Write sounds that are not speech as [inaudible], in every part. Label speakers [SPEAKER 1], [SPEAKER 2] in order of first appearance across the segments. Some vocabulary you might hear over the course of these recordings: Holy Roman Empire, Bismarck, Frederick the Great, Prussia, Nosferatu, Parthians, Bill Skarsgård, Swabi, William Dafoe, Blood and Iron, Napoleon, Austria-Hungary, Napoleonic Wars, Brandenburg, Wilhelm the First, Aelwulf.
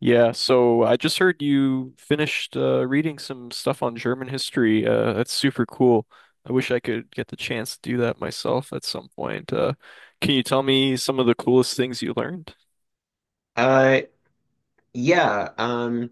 [SPEAKER 1] Yeah, so I just heard you finished reading some stuff on German history. That's super cool. I wish I could get the chance to do that myself at some point. Can you tell me some of the coolest things you learned?
[SPEAKER 2] Uh, yeah. Um,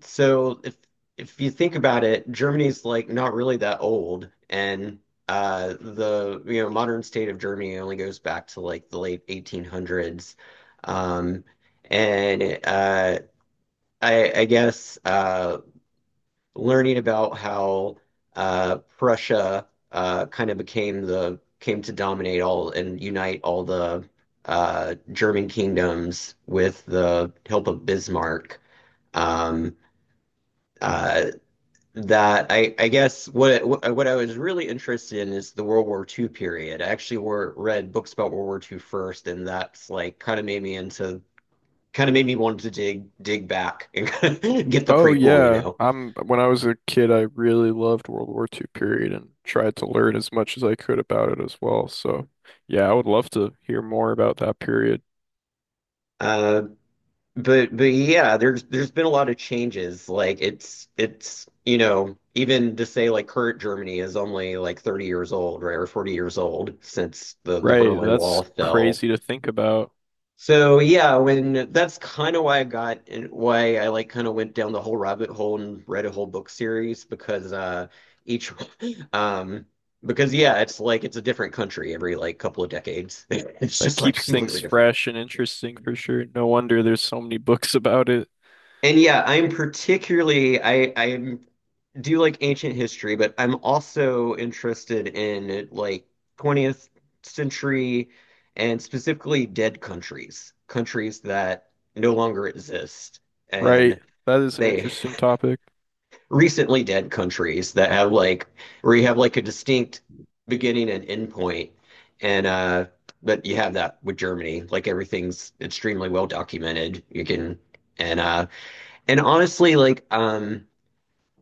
[SPEAKER 2] so if if you think about it, Germany's like not really that old, and the modern state of Germany only goes back to like the late 1800s, um, and I guess learning about how Prussia kind of became the came to dominate all and unite all the German kingdoms with the help of Bismarck. Um, uh, that I I guess what I was really interested in is the World War II period. I actually were read books about World War II first, and that's like kind of made me want to dig back and [laughs] get the
[SPEAKER 1] Oh
[SPEAKER 2] prequel, you
[SPEAKER 1] yeah,
[SPEAKER 2] know.
[SPEAKER 1] I'm when I was a kid, I really loved World War II period and tried to learn as much as I could about it as well. So yeah, I would love to hear more about that period.
[SPEAKER 2] Uh, But yeah, there's been a lot of changes. Like it's even to say like current Germany is only like 30 years old, right, or 40 years old since the
[SPEAKER 1] Right,
[SPEAKER 2] Berlin Wall
[SPEAKER 1] that's
[SPEAKER 2] fell.
[SPEAKER 1] crazy to think about.
[SPEAKER 2] So yeah, when that's kind of why I got and why I like kind of went down the whole rabbit hole and read a whole book series, because each [laughs] um because yeah, it's like it's a different country every like couple of decades. [laughs] It's
[SPEAKER 1] That
[SPEAKER 2] just like
[SPEAKER 1] keeps things
[SPEAKER 2] completely different.
[SPEAKER 1] fresh and interesting for sure. No wonder there's so many books [laughs] about it.
[SPEAKER 2] And yeah, I'm particularly I do like ancient history, but I'm also interested in like 20th century, and specifically dead countries, countries that no longer exist.
[SPEAKER 1] Right,
[SPEAKER 2] And
[SPEAKER 1] that is an
[SPEAKER 2] they
[SPEAKER 1] interesting topic.
[SPEAKER 2] recently dead countries that have like, where you have like a distinct beginning and end point. And But you have that with Germany, like everything's extremely well documented, you can. and uh and honestly, like,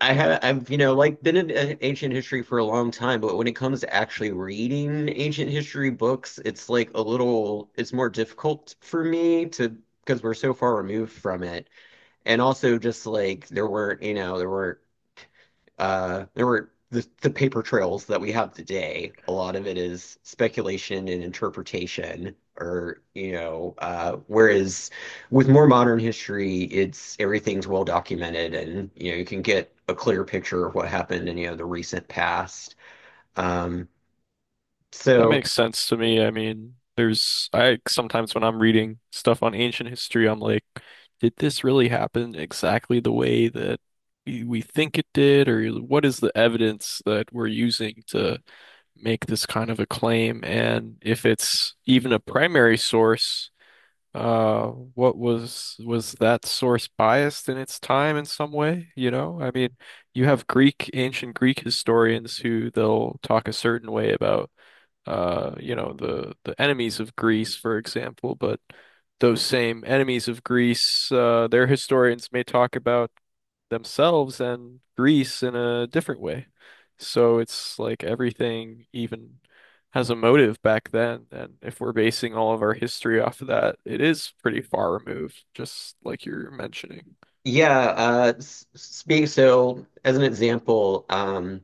[SPEAKER 2] I've like been in ancient history for a long time, but when it comes to actually reading ancient history books, it's like a little, it's more difficult for me to, because we're so far removed from it, and also just like there weren't, there weren't the paper trails that we have today. A lot of it is speculation and interpretation, or, whereas with more modern history, it's everything's well documented, and, you can get a clear picture of what happened in, the recent past. Um
[SPEAKER 1] That
[SPEAKER 2] so
[SPEAKER 1] makes sense to me. I mean, there's I sometimes when I'm reading stuff on ancient history, I'm like, did this really happen exactly the way that we think it did, or what is the evidence that we're using to make this kind of a claim? And if it's even a primary source, what was that source biased in its time in some way? You know, I mean, you have Greek, ancient Greek historians who they'll talk a certain way about you know, the enemies of Greece, for example, but those same enemies of Greece, their historians may talk about themselves and Greece in a different way. So it's like everything even has a motive back then. And if we're basing all of our history off of that, it is pretty far removed, just like you're mentioning.
[SPEAKER 2] yeah, s- speak so as an example. um,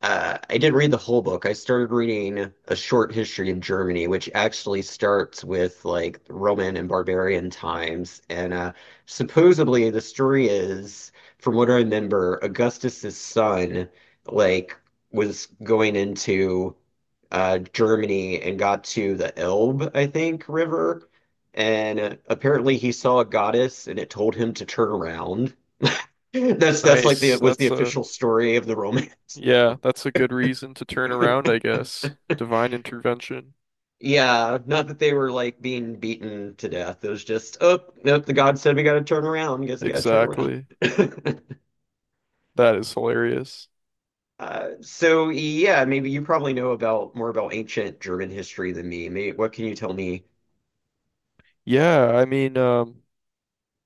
[SPEAKER 2] Uh, I didn't read the whole book. I started reading A Short History of Germany, which actually starts with like Roman and barbarian times. And supposedly the story is, from what I remember, Augustus's son like was going into Germany and got to the Elbe, I think, river. And apparently he saw a goddess and it told him to turn around. [laughs] That's like the
[SPEAKER 1] Nice.
[SPEAKER 2] was the
[SPEAKER 1] That's a
[SPEAKER 2] official story of the Roman.
[SPEAKER 1] Yeah, that's a good reason to turn around, I guess. Divine intervention.
[SPEAKER 2] Yeah, not that they were like being beaten to death. It was just, oh, nope, the god said we gotta turn around. Guess we gotta turn around.
[SPEAKER 1] Exactly.
[SPEAKER 2] [laughs]
[SPEAKER 1] That is hilarious.
[SPEAKER 2] So yeah, maybe you probably know about more about ancient German history than me. Maybe, what can you tell me?
[SPEAKER 1] Yeah, I mean,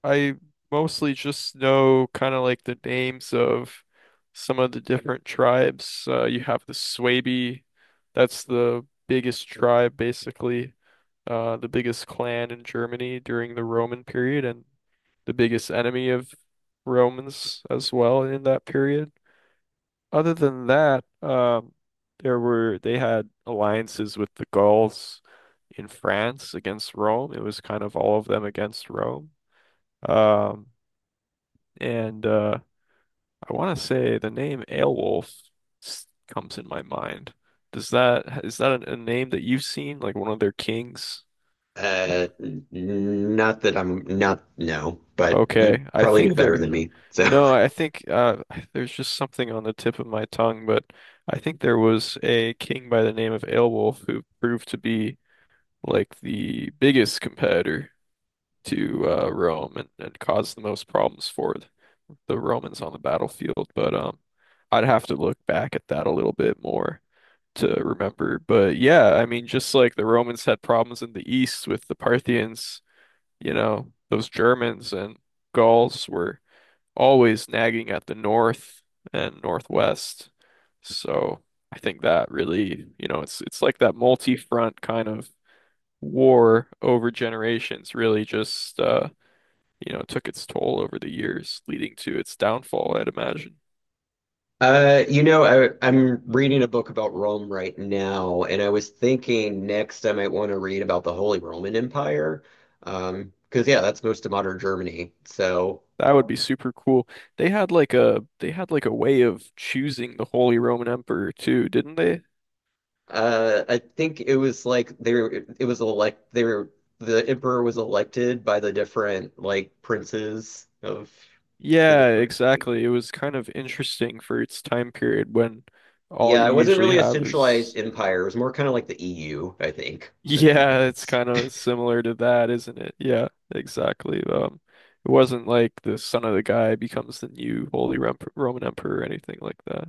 [SPEAKER 1] I mostly just know kind of like the names of some of the different tribes. You have the Swabi, that's the biggest tribe, basically, the biggest clan in Germany during the Roman period, and the biggest enemy of Romans as well in that period. Other than that, there were they had alliances with the Gauls in France against Rome. It was kind of all of them against Rome. Um, and I want to say the name Aelwulf comes in my mind. Does that a name that you've seen, like one of their kings? Uh,
[SPEAKER 2] Not that I'm not no, but you
[SPEAKER 1] Okay, I
[SPEAKER 2] probably knew
[SPEAKER 1] think
[SPEAKER 2] better
[SPEAKER 1] there.
[SPEAKER 2] than me. So
[SPEAKER 1] No,
[SPEAKER 2] [laughs]
[SPEAKER 1] I think [sighs] there's just something on the tip of my tongue, but I think there was a king by the name of Aelwulf who proved to be like the biggest competitor to Rome and caused the most problems for the Romans on the battlefield. But I'd have to look back at that a little bit more to remember. But yeah, I mean, just like the Romans had problems in the East with the Parthians, you know, those Germans and Gauls were always nagging at the North and Northwest. So I think that really, you know, it's like that multi-front kind of war over generations really just you know, took its toll over the years, leading to its downfall, I'd imagine.
[SPEAKER 2] I'm reading a book about Rome right now, and I was thinking next I might want to read about the Holy Roman Empire. Because yeah, that's most of modern Germany. So,
[SPEAKER 1] That would be super cool. They had like a way of choosing the Holy Roman Emperor too, didn't they?
[SPEAKER 2] I think it was like they were, it was elect they were, the emperor was elected by the different like princes of the
[SPEAKER 1] Yeah,
[SPEAKER 2] different
[SPEAKER 1] exactly. It
[SPEAKER 2] kingdoms.
[SPEAKER 1] was kind of interesting for its time period when all
[SPEAKER 2] Yeah,
[SPEAKER 1] you
[SPEAKER 2] it wasn't
[SPEAKER 1] usually
[SPEAKER 2] really a
[SPEAKER 1] have
[SPEAKER 2] centralized
[SPEAKER 1] is
[SPEAKER 2] empire. It was more kind of like the EU, I think, than anything
[SPEAKER 1] Yeah, it's
[SPEAKER 2] else.
[SPEAKER 1] kind of similar to that, isn't it? Yeah, exactly. It wasn't like the son of the guy becomes the new Holy Rom Roman Emperor or anything like that.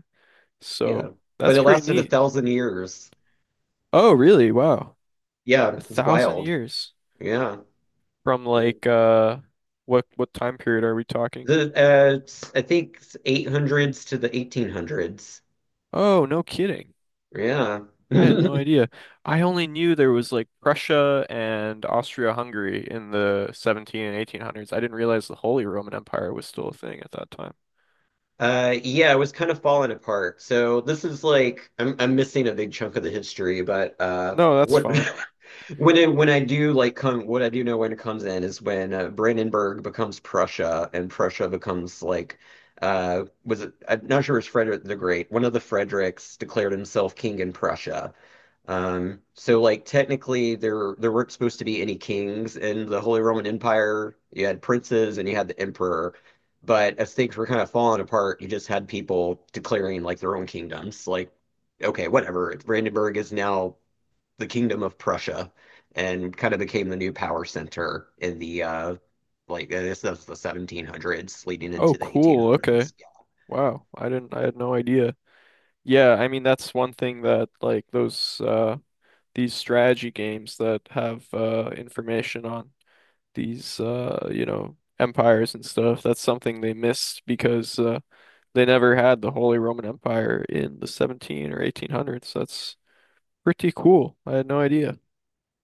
[SPEAKER 2] Yeah,
[SPEAKER 1] So
[SPEAKER 2] but
[SPEAKER 1] that's
[SPEAKER 2] it
[SPEAKER 1] pretty
[SPEAKER 2] lasted a
[SPEAKER 1] neat.
[SPEAKER 2] thousand years.
[SPEAKER 1] Oh, really? Wow.
[SPEAKER 2] Yeah,
[SPEAKER 1] A
[SPEAKER 2] it's
[SPEAKER 1] thousand
[SPEAKER 2] wild.
[SPEAKER 1] years
[SPEAKER 2] Yeah.
[SPEAKER 1] from
[SPEAKER 2] Mm.
[SPEAKER 1] like what time period are we talking?
[SPEAKER 2] I think it's 800s to the 1800s.
[SPEAKER 1] Oh, no kidding.
[SPEAKER 2] Yeah.
[SPEAKER 1] I had no
[SPEAKER 2] [laughs]
[SPEAKER 1] idea. I only knew there was like Prussia and Austria-Hungary in the 17 and 1800s. I didn't realize the Holy Roman Empire was still a thing at that time.
[SPEAKER 2] Yeah, it was kind of falling apart. So this is like I'm missing a big chunk of the history, but
[SPEAKER 1] No, that's
[SPEAKER 2] what.
[SPEAKER 1] fine.
[SPEAKER 2] [laughs] When I do like come, what I do know when it comes in is when Brandenburg becomes Prussia, and Prussia becomes like, was it, I'm not sure, it was Frederick the Great. One of the Fredericks declared himself king in Prussia. So like technically there weren't supposed to be any kings in the Holy Roman Empire. You had princes and you had the emperor. But as things were kind of falling apart, you just had people declaring like their own kingdoms. Like, okay, whatever. Brandenburg is now the kingdom of Prussia, and kind of became the new power center in the like, I guess that's the 1700s leading
[SPEAKER 1] Oh,
[SPEAKER 2] into the
[SPEAKER 1] cool. Okay.
[SPEAKER 2] 1800s.
[SPEAKER 1] Wow. I had no idea. Yeah, I mean that's one thing that like those these strategy games that have information on these you know empires and stuff, that's something they missed because they never had the Holy Roman Empire in the 17 or 1800s. That's pretty cool. I had no idea.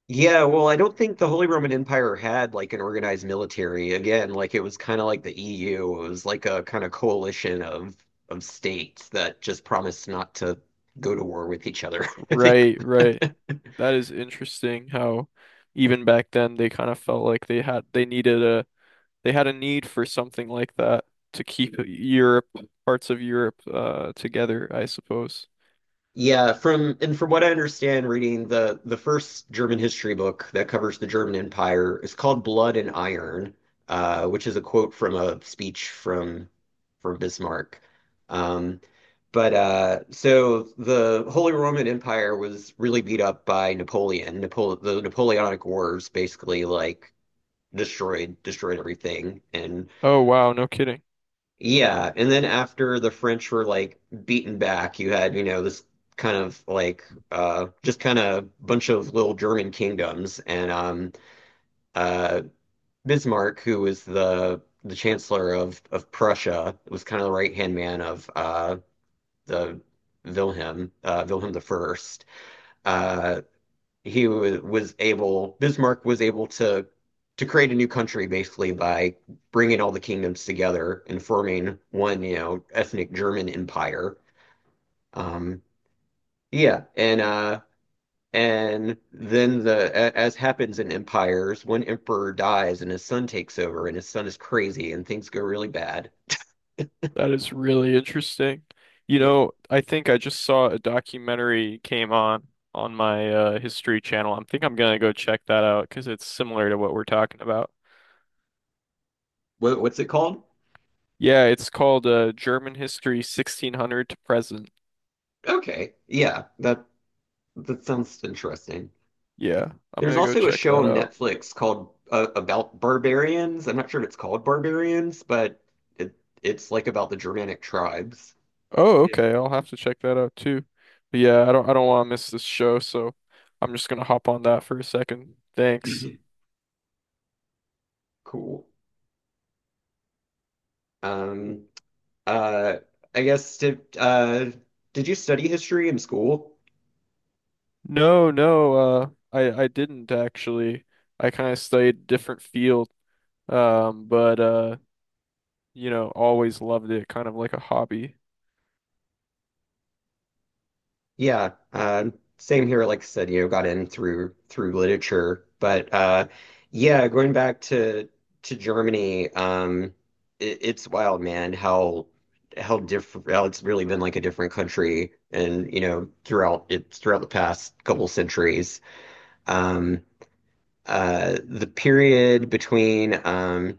[SPEAKER 2] Yeah, well, I don't think the Holy Roman Empire had like an organized military. Again, like it was kind of like the EU. It was like a kind of coalition of states that just promised not to go to war with each other. [laughs] I think.
[SPEAKER 1] Right, right. That is interesting how even back then they kind of felt like they needed a they had a need for something like that to keep Europe, parts of Europe, together, I suppose.
[SPEAKER 2] Yeah, from what I understand, reading the first German history book that covers the German Empire is called Blood and Iron, which is a quote from a speech from Bismarck. Um, but so the Holy Roman Empire was really beat up by Napoleon. Napole the Napoleonic Wars basically like destroyed everything, and
[SPEAKER 1] Oh, wow, no kidding.
[SPEAKER 2] yeah, and then after the French were like beaten back, you had, this kind of like, just kind of bunch of little German kingdoms, and uh Bismarck, who was the chancellor of Prussia, was kind of the right-hand man of the Wilhelm I. Uh he was able, Bismarck was able to create a new country basically by bringing all the kingdoms together and forming one, ethnic German empire. Um, yeah, and then as happens in empires, one emperor dies and his son takes over, and his son is crazy and things go really bad.
[SPEAKER 1] That is really interesting. You
[SPEAKER 2] Yeah,
[SPEAKER 1] know, I think I just saw a documentary came on my History channel. I think I'm gonna go check that out because it's similar to what we're talking about.
[SPEAKER 2] what's it called?
[SPEAKER 1] Yeah, it's called German History 1600 to Present.
[SPEAKER 2] Okay, yeah, that sounds interesting.
[SPEAKER 1] Yeah, I'm
[SPEAKER 2] There's
[SPEAKER 1] gonna go
[SPEAKER 2] also a
[SPEAKER 1] check
[SPEAKER 2] show
[SPEAKER 1] that
[SPEAKER 2] on
[SPEAKER 1] out.
[SPEAKER 2] Netflix called about barbarians. I'm not sure if it's called barbarians, but it it's like about the Germanic tribes.
[SPEAKER 1] Oh,
[SPEAKER 2] Yeah.
[SPEAKER 1] okay. I'll have to check that out too. But yeah, I don't want to miss this show, so I'm just gonna hop on that for a second. Thanks.
[SPEAKER 2] [laughs] Cool. Um, uh, I guess did you study history in school?
[SPEAKER 1] No, no, I didn't actually. I kind of studied a different field, but you know, always loved it, kind of like a hobby.
[SPEAKER 2] Yeah, same here. Like I said, got in through literature, but yeah, going back to Germany. It's wild, man. How different? How it's really been like a different country, and throughout it throughout the past couple centuries. Um, the period between um,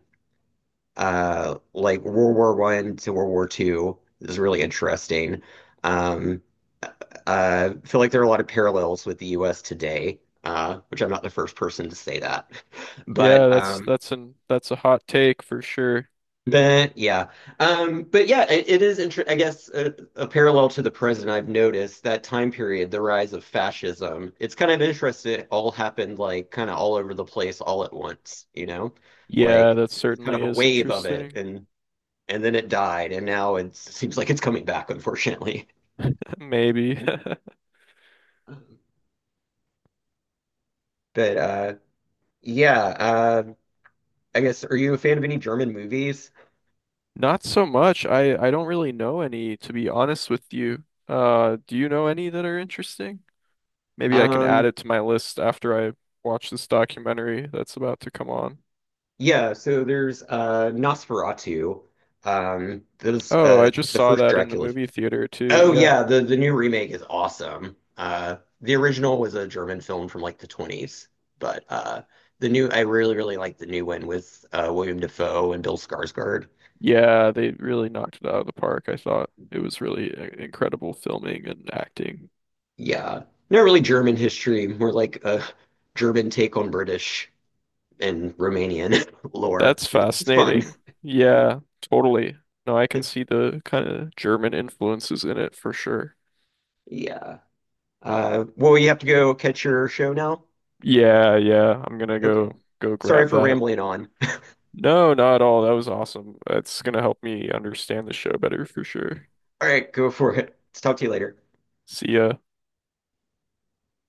[SPEAKER 2] uh, like World War I to World War II is really interesting. Um, uh, I feel like there are a lot of parallels with the U.S. today, which I'm not the first person to say that, [laughs]
[SPEAKER 1] Yeah,
[SPEAKER 2] but um,
[SPEAKER 1] that's an that's a hot take for sure.
[SPEAKER 2] but yeah, but yeah, it is inter I guess a parallel to the present. I've noticed that time period, the rise of fascism. It's kind of interesting. It all happened like kind of all over the place, all at once.
[SPEAKER 1] Yeah,
[SPEAKER 2] Like
[SPEAKER 1] that
[SPEAKER 2] there's kind of
[SPEAKER 1] certainly
[SPEAKER 2] a
[SPEAKER 1] is
[SPEAKER 2] wave of it,
[SPEAKER 1] interesting.
[SPEAKER 2] and then it died, and now it seems like it's coming back, unfortunately.
[SPEAKER 1] [laughs] Maybe. [laughs]
[SPEAKER 2] [laughs] But yeah, I guess, are you a fan of any German movies?
[SPEAKER 1] Not so much. I don't really know any, to be honest with you. Do you know any that are interesting? Maybe I can add
[SPEAKER 2] Um,
[SPEAKER 1] it to my list after I watch this documentary that's about to come on.
[SPEAKER 2] yeah, so there's Nosferatu. There's
[SPEAKER 1] Oh, I just
[SPEAKER 2] the
[SPEAKER 1] saw
[SPEAKER 2] first
[SPEAKER 1] that in the
[SPEAKER 2] Dracula.
[SPEAKER 1] movie theater too.
[SPEAKER 2] Oh
[SPEAKER 1] Yeah.
[SPEAKER 2] yeah, the new remake is awesome. The original was a German film from like the 20s, but the new I really like the new one with William Dafoe and Bill Skarsgård.
[SPEAKER 1] Yeah, they really knocked it out of the park. I thought it was really incredible filming and acting.
[SPEAKER 2] Yeah. Not really German history, more like a German take on British and Romanian [laughs] lore.
[SPEAKER 1] That's
[SPEAKER 2] It's fun.
[SPEAKER 1] fascinating. Yeah, totally. No, I can see the kind of German influences in it for sure.
[SPEAKER 2] Yeah. Well, you have to go catch your show now?
[SPEAKER 1] Yeah, yeah. I'm gonna
[SPEAKER 2] Okay.
[SPEAKER 1] go
[SPEAKER 2] Sorry
[SPEAKER 1] grab
[SPEAKER 2] for
[SPEAKER 1] that.
[SPEAKER 2] rambling on.
[SPEAKER 1] No, not at all. That was awesome. That's gonna help me understand the show better for sure.
[SPEAKER 2] [laughs] All right, go for it. Talk to you later.
[SPEAKER 1] See ya.